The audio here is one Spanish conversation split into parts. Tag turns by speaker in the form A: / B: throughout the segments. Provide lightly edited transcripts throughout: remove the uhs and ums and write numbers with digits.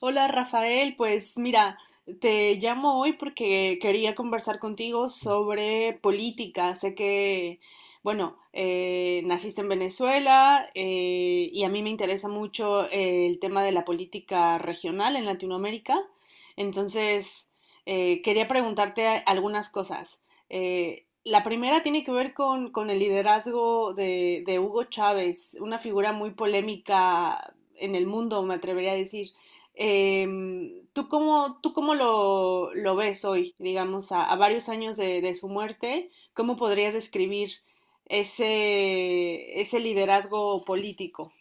A: Hola Rafael, pues mira, te llamo hoy porque quería conversar contigo sobre política. Sé que, bueno, naciste en Venezuela, y a mí me interesa mucho el tema de la política regional en Latinoamérica. Entonces, quería preguntarte algunas cosas. La primera tiene que ver con el liderazgo de Hugo Chávez, una figura muy polémica en el mundo, me atrevería a decir. ¿Tú cómo lo ves hoy, digamos, a varios años de su muerte? ¿Cómo podrías describir ese, ese liderazgo político?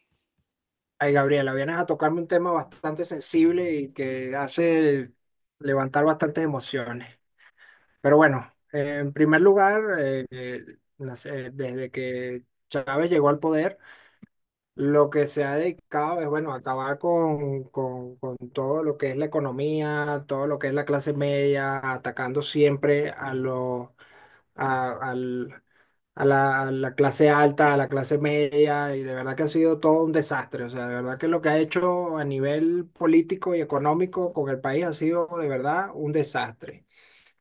B: Ay, Gabriela, vienes a tocarme un tema bastante sensible y que hace levantar bastantes emociones. Pero bueno, en primer lugar, desde que Chávez llegó al poder, lo que se ha dedicado es, bueno, acabar con todo lo que es la economía, todo lo que es la clase media, atacando siempre a a, al- a la clase alta, a la clase media, y de verdad que ha sido todo un desastre. O sea, de verdad que lo que ha hecho a nivel político y económico con el país ha sido de verdad un desastre.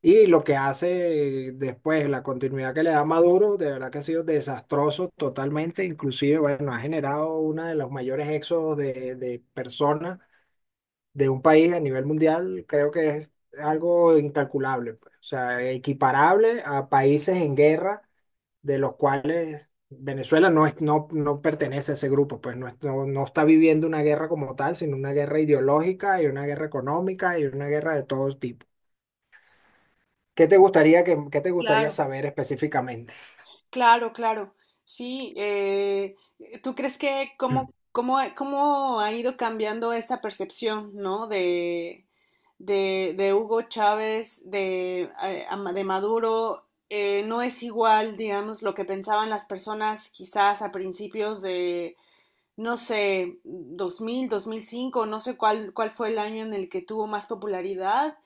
B: Y lo que hace después, la continuidad que le da Maduro, de verdad que ha sido desastroso totalmente. Inclusive, bueno, ha generado uno de los mayores éxodos de personas de un país a nivel mundial, creo que es algo incalculable, pues. O sea, equiparable a países en guerra de los cuales Venezuela no es, no, no pertenece a ese grupo, pues no, no, no está viviendo una guerra como tal, sino una guerra ideológica y una guerra económica y una guerra de todo tipo. ¿Qué te gustaría qué te gustaría
A: Claro.
B: saber específicamente?
A: Claro, claro. Sí, ¿tú crees que cómo, cómo, cómo ha ido cambiando esa percepción, no? De Hugo Chávez, de, de Maduro, no es igual, digamos, lo que pensaban las personas quizás a principios, no sé, dos mil, 2005, no sé cuál, cuál fue el año en el que tuvo más popularidad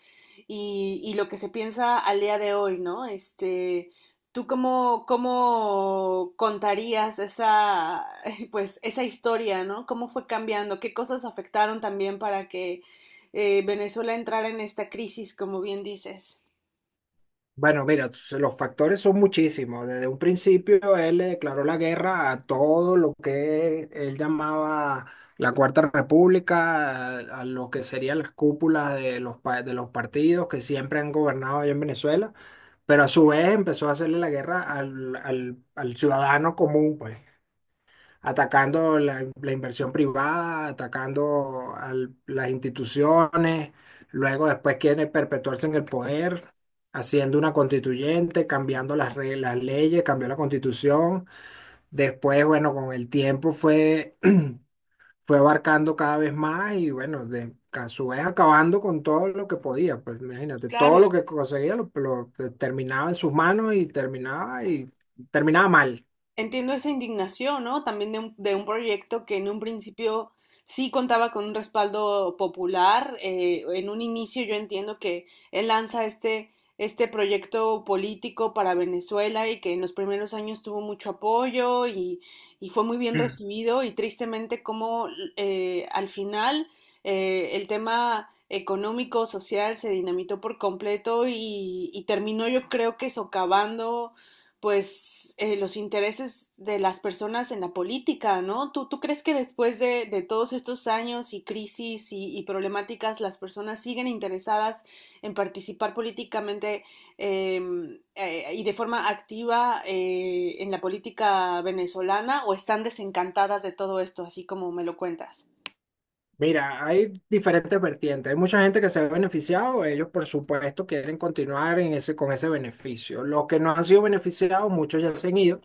A: y lo que se piensa al día de hoy, ¿no? Este, ¿tú cómo, cómo contarías esa, pues, esa historia, ¿no? ¿Cómo fue cambiando? ¿Qué cosas afectaron también para que Venezuela entrara en esta crisis, como bien dices?
B: Bueno, mira, los factores son muchísimos. Desde un principio él le declaró la guerra a todo lo que él llamaba la Cuarta República, a lo que serían las cúpulas de de los partidos que siempre han gobernado allá en Venezuela, pero a su vez empezó a hacerle la guerra al ciudadano común, pues atacando la inversión privada, atacando a las instituciones, luego después quiere perpetuarse en el poder, haciendo una constituyente, cambiando las reglas, las leyes, cambió la constitución, después, bueno, con el tiempo fue, fue abarcando cada vez más y bueno, a su vez acabando con todo lo que podía, pues imagínate,
A: Claro,
B: todo lo que conseguía lo terminaba en sus manos y terminaba mal.
A: entiendo esa indignación, ¿no? También de un proyecto que en un principio sí contaba con un respaldo popular. En un inicio yo entiendo que él lanza este, este proyecto político para Venezuela y que en los primeros años tuvo mucho apoyo y fue muy bien recibido y tristemente como, al final, el tema económico, social se dinamitó por completo y terminó yo creo que socavando, pues, los intereses de las personas en la política, ¿no? ¿Tú, tú crees que después de todos estos años y crisis y problemáticas, las personas siguen interesadas en participar políticamente, eh, y de forma activa en la política venezolana, o están desencantadas de todo esto, así como me lo cuentas?
B: Mira, hay diferentes vertientes. Hay mucha gente que se ha beneficiado, ellos por supuesto quieren continuar en ese, con ese beneficio. Los que no han sido beneficiados, muchos ya se han ido,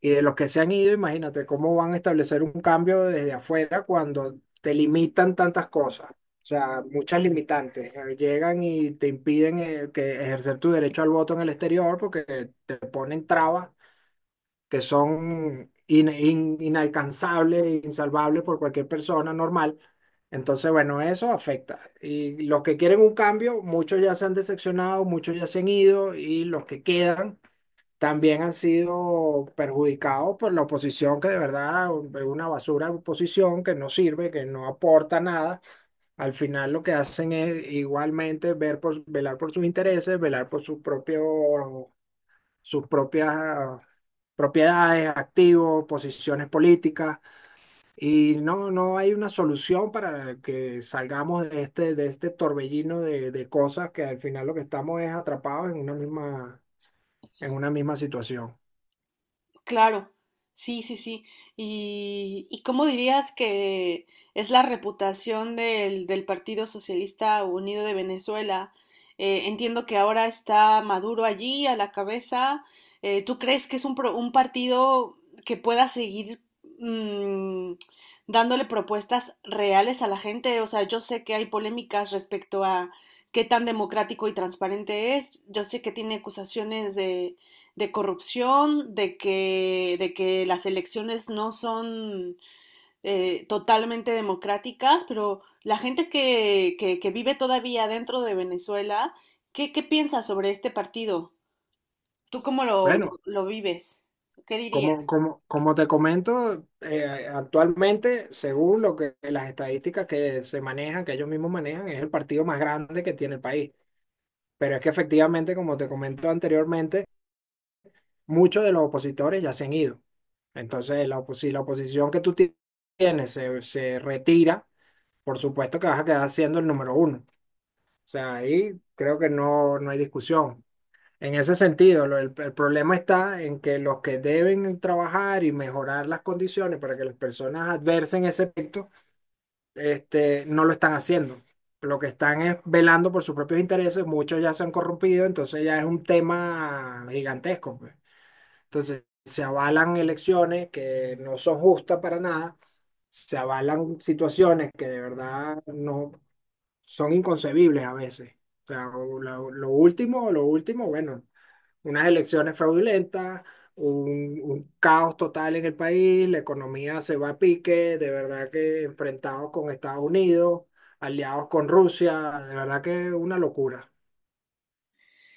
B: y de los que se han ido, imagínate cómo van a establecer un cambio desde afuera cuando te limitan tantas cosas. O sea, muchas limitantes. Llegan y te impiden que ejercer tu derecho al voto en el exterior porque te ponen trabas que son inalcanzables, insalvables por cualquier persona normal. Entonces, bueno, eso afecta. Y los que quieren un cambio, muchos ya se han decepcionado, muchos ya se han ido y los que quedan también han sido perjudicados por la oposición, que de verdad es una basura de oposición que no sirve, que no aporta nada. Al final lo que hacen es igualmente velar por sus intereses, velar por sus propios sus propias propiedades, activos, posiciones políticas, y no, no hay una solución para que salgamos de este torbellino de cosas que al final lo que estamos es atrapados en una misma situación.
A: Claro, sí, sí, sí. Y cómo dirías que es la reputación del, del Partido Socialista Unido de Venezuela? Entiendo que ahora está Maduro allí a la cabeza. ¿Tú crees que es un, un partido que pueda seguir, mm, dándole propuestas reales a la gente? O sea, yo sé que hay polémicas respecto a qué tan democrático y transparente es. Yo sé que tiene acusaciones de corrupción, de que las elecciones no son totalmente democráticas, pero la gente que vive todavía dentro de Venezuela, ¿qué, qué piensas sobre este partido? ¿Tú cómo
B: Bueno,
A: lo vives? ¿Qué dirías?
B: como te comento, actualmente, según lo que las estadísticas que se manejan, que ellos mismos manejan, es el partido más grande que tiene el país. Pero es que efectivamente, como te comento anteriormente, muchos de los opositores ya se han ido. Entonces, si la oposición que tienes se retira, por supuesto que vas a quedar siendo el número uno. O sea, ahí creo que no, no hay discusión. En ese sentido, el problema está en que los que deben trabajar y mejorar las condiciones para que las personas adversen ese efecto, este, no lo están haciendo. Lo que están es velando por sus propios intereses, muchos ya se han corrompido, entonces ya es un tema gigantesco, pues. Entonces, se avalan elecciones que no son justas para nada, se avalan situaciones que de verdad no son inconcebibles a veces. O sea, lo último, bueno, unas elecciones fraudulentas, un caos total en el país, la economía se va a pique, de verdad que enfrentados con Estados Unidos, aliados con Rusia, de verdad que una locura.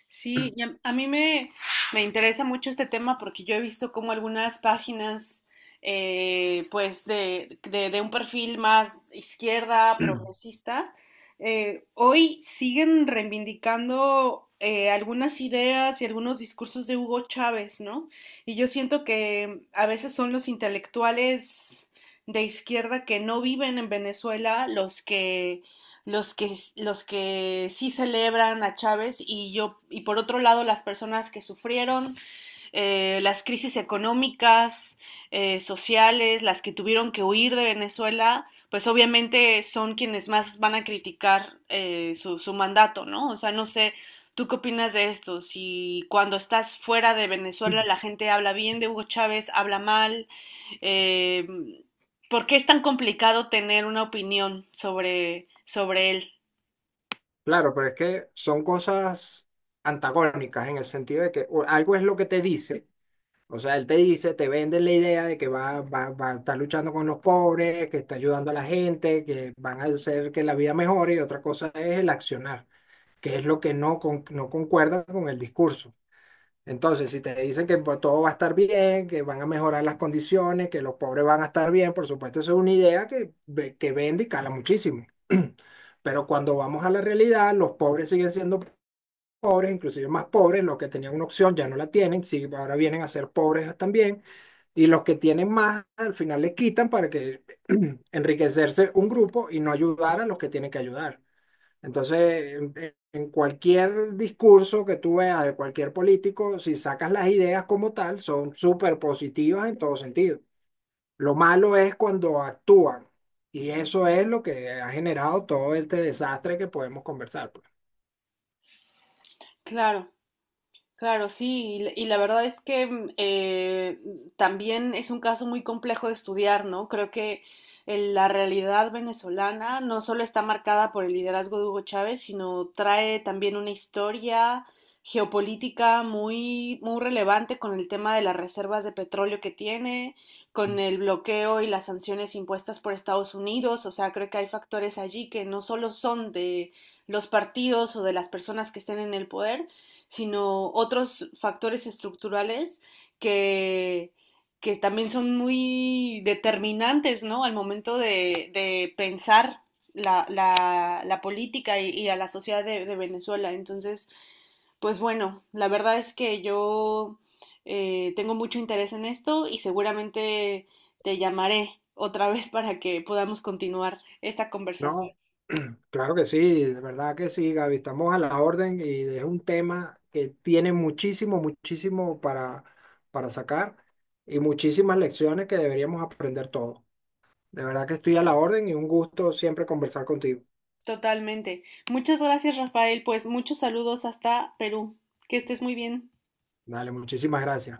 A: Sí, y a mí me, me interesa mucho este tema porque yo he visto como algunas páginas, pues, de un perfil más izquierda, progresista, hoy siguen reivindicando algunas ideas y algunos discursos de Hugo Chávez, ¿no? Y yo siento que a veces son los intelectuales de izquierda que no viven en Venezuela los que los que sí celebran a Chávez, y yo, y por otro lado las personas que sufrieron, las crisis económicas, sociales, las que tuvieron que huir de Venezuela, pues obviamente son quienes más van a criticar su, su mandato, ¿no? O sea, no sé, ¿tú qué opinas de esto? Si cuando estás fuera de Venezuela la gente habla bien de Hugo Chávez, habla mal, eh, ¿por qué es tan complicado tener una opinión sobre, sobre él?
B: Claro, pero es que son cosas antagónicas en el sentido de que algo es lo que te dice, o sea, él te dice, te vende la idea de que va a estar luchando con los pobres, que está ayudando a la gente, que van a hacer que la vida mejore, y otra cosa es el accionar, que es lo que no concuerda con el discurso. Entonces, si te dicen que pues, todo va a estar bien, que van a mejorar las condiciones, que los pobres van a estar bien, por supuesto, eso es una idea que, que vende y cala muchísimo. Pero cuando vamos a la realidad, los pobres siguen siendo pobres, inclusive más pobres, los que tenían una opción ya no la tienen, sí, ahora vienen a ser pobres también, y los que tienen más al final les quitan para que enriquecerse un grupo y no ayudar a los que tienen que ayudar. Entonces, en cualquier discurso que tú veas de cualquier político, si sacas las ideas como tal, son súper positivas en todo sentido. Lo malo es cuando actúan. Y eso es lo que ha generado todo este desastre que podemos conversar, pues.
A: Claro. Claro, sí, y la verdad es que, mm, también es un caso muy complejo de estudiar, ¿no? Creo que la realidad venezolana no solo está marcada por el liderazgo de Hugo Chávez, sino trae también una historia geopolítica muy, muy relevante con el tema de las reservas de petróleo que tiene, con el bloqueo y las sanciones impuestas por Estados Unidos. O sea, creo que hay factores allí que no solo son de los partidos o de las personas que estén en el poder, sino otros factores estructurales que, que también son muy determinantes, ¿no? Al momento de pensar la, la, la política y, a la sociedad de, Venezuela. Entonces, pues bueno, la verdad es que yo, tengo mucho interés en esto y seguramente te llamaré otra vez para que podamos continuar esta conversación.
B: No, claro que sí, de verdad que sí, Gaby, estamos a la orden y es un tema que tiene muchísimo, muchísimo para sacar y muchísimas lecciones que deberíamos aprender todos. De verdad que estoy a la orden y un gusto siempre conversar contigo.
A: Totalmente. Muchas gracias, Rafael. Pues muchos saludos hasta Perú. Que estés muy bien.
B: Dale, muchísimas gracias.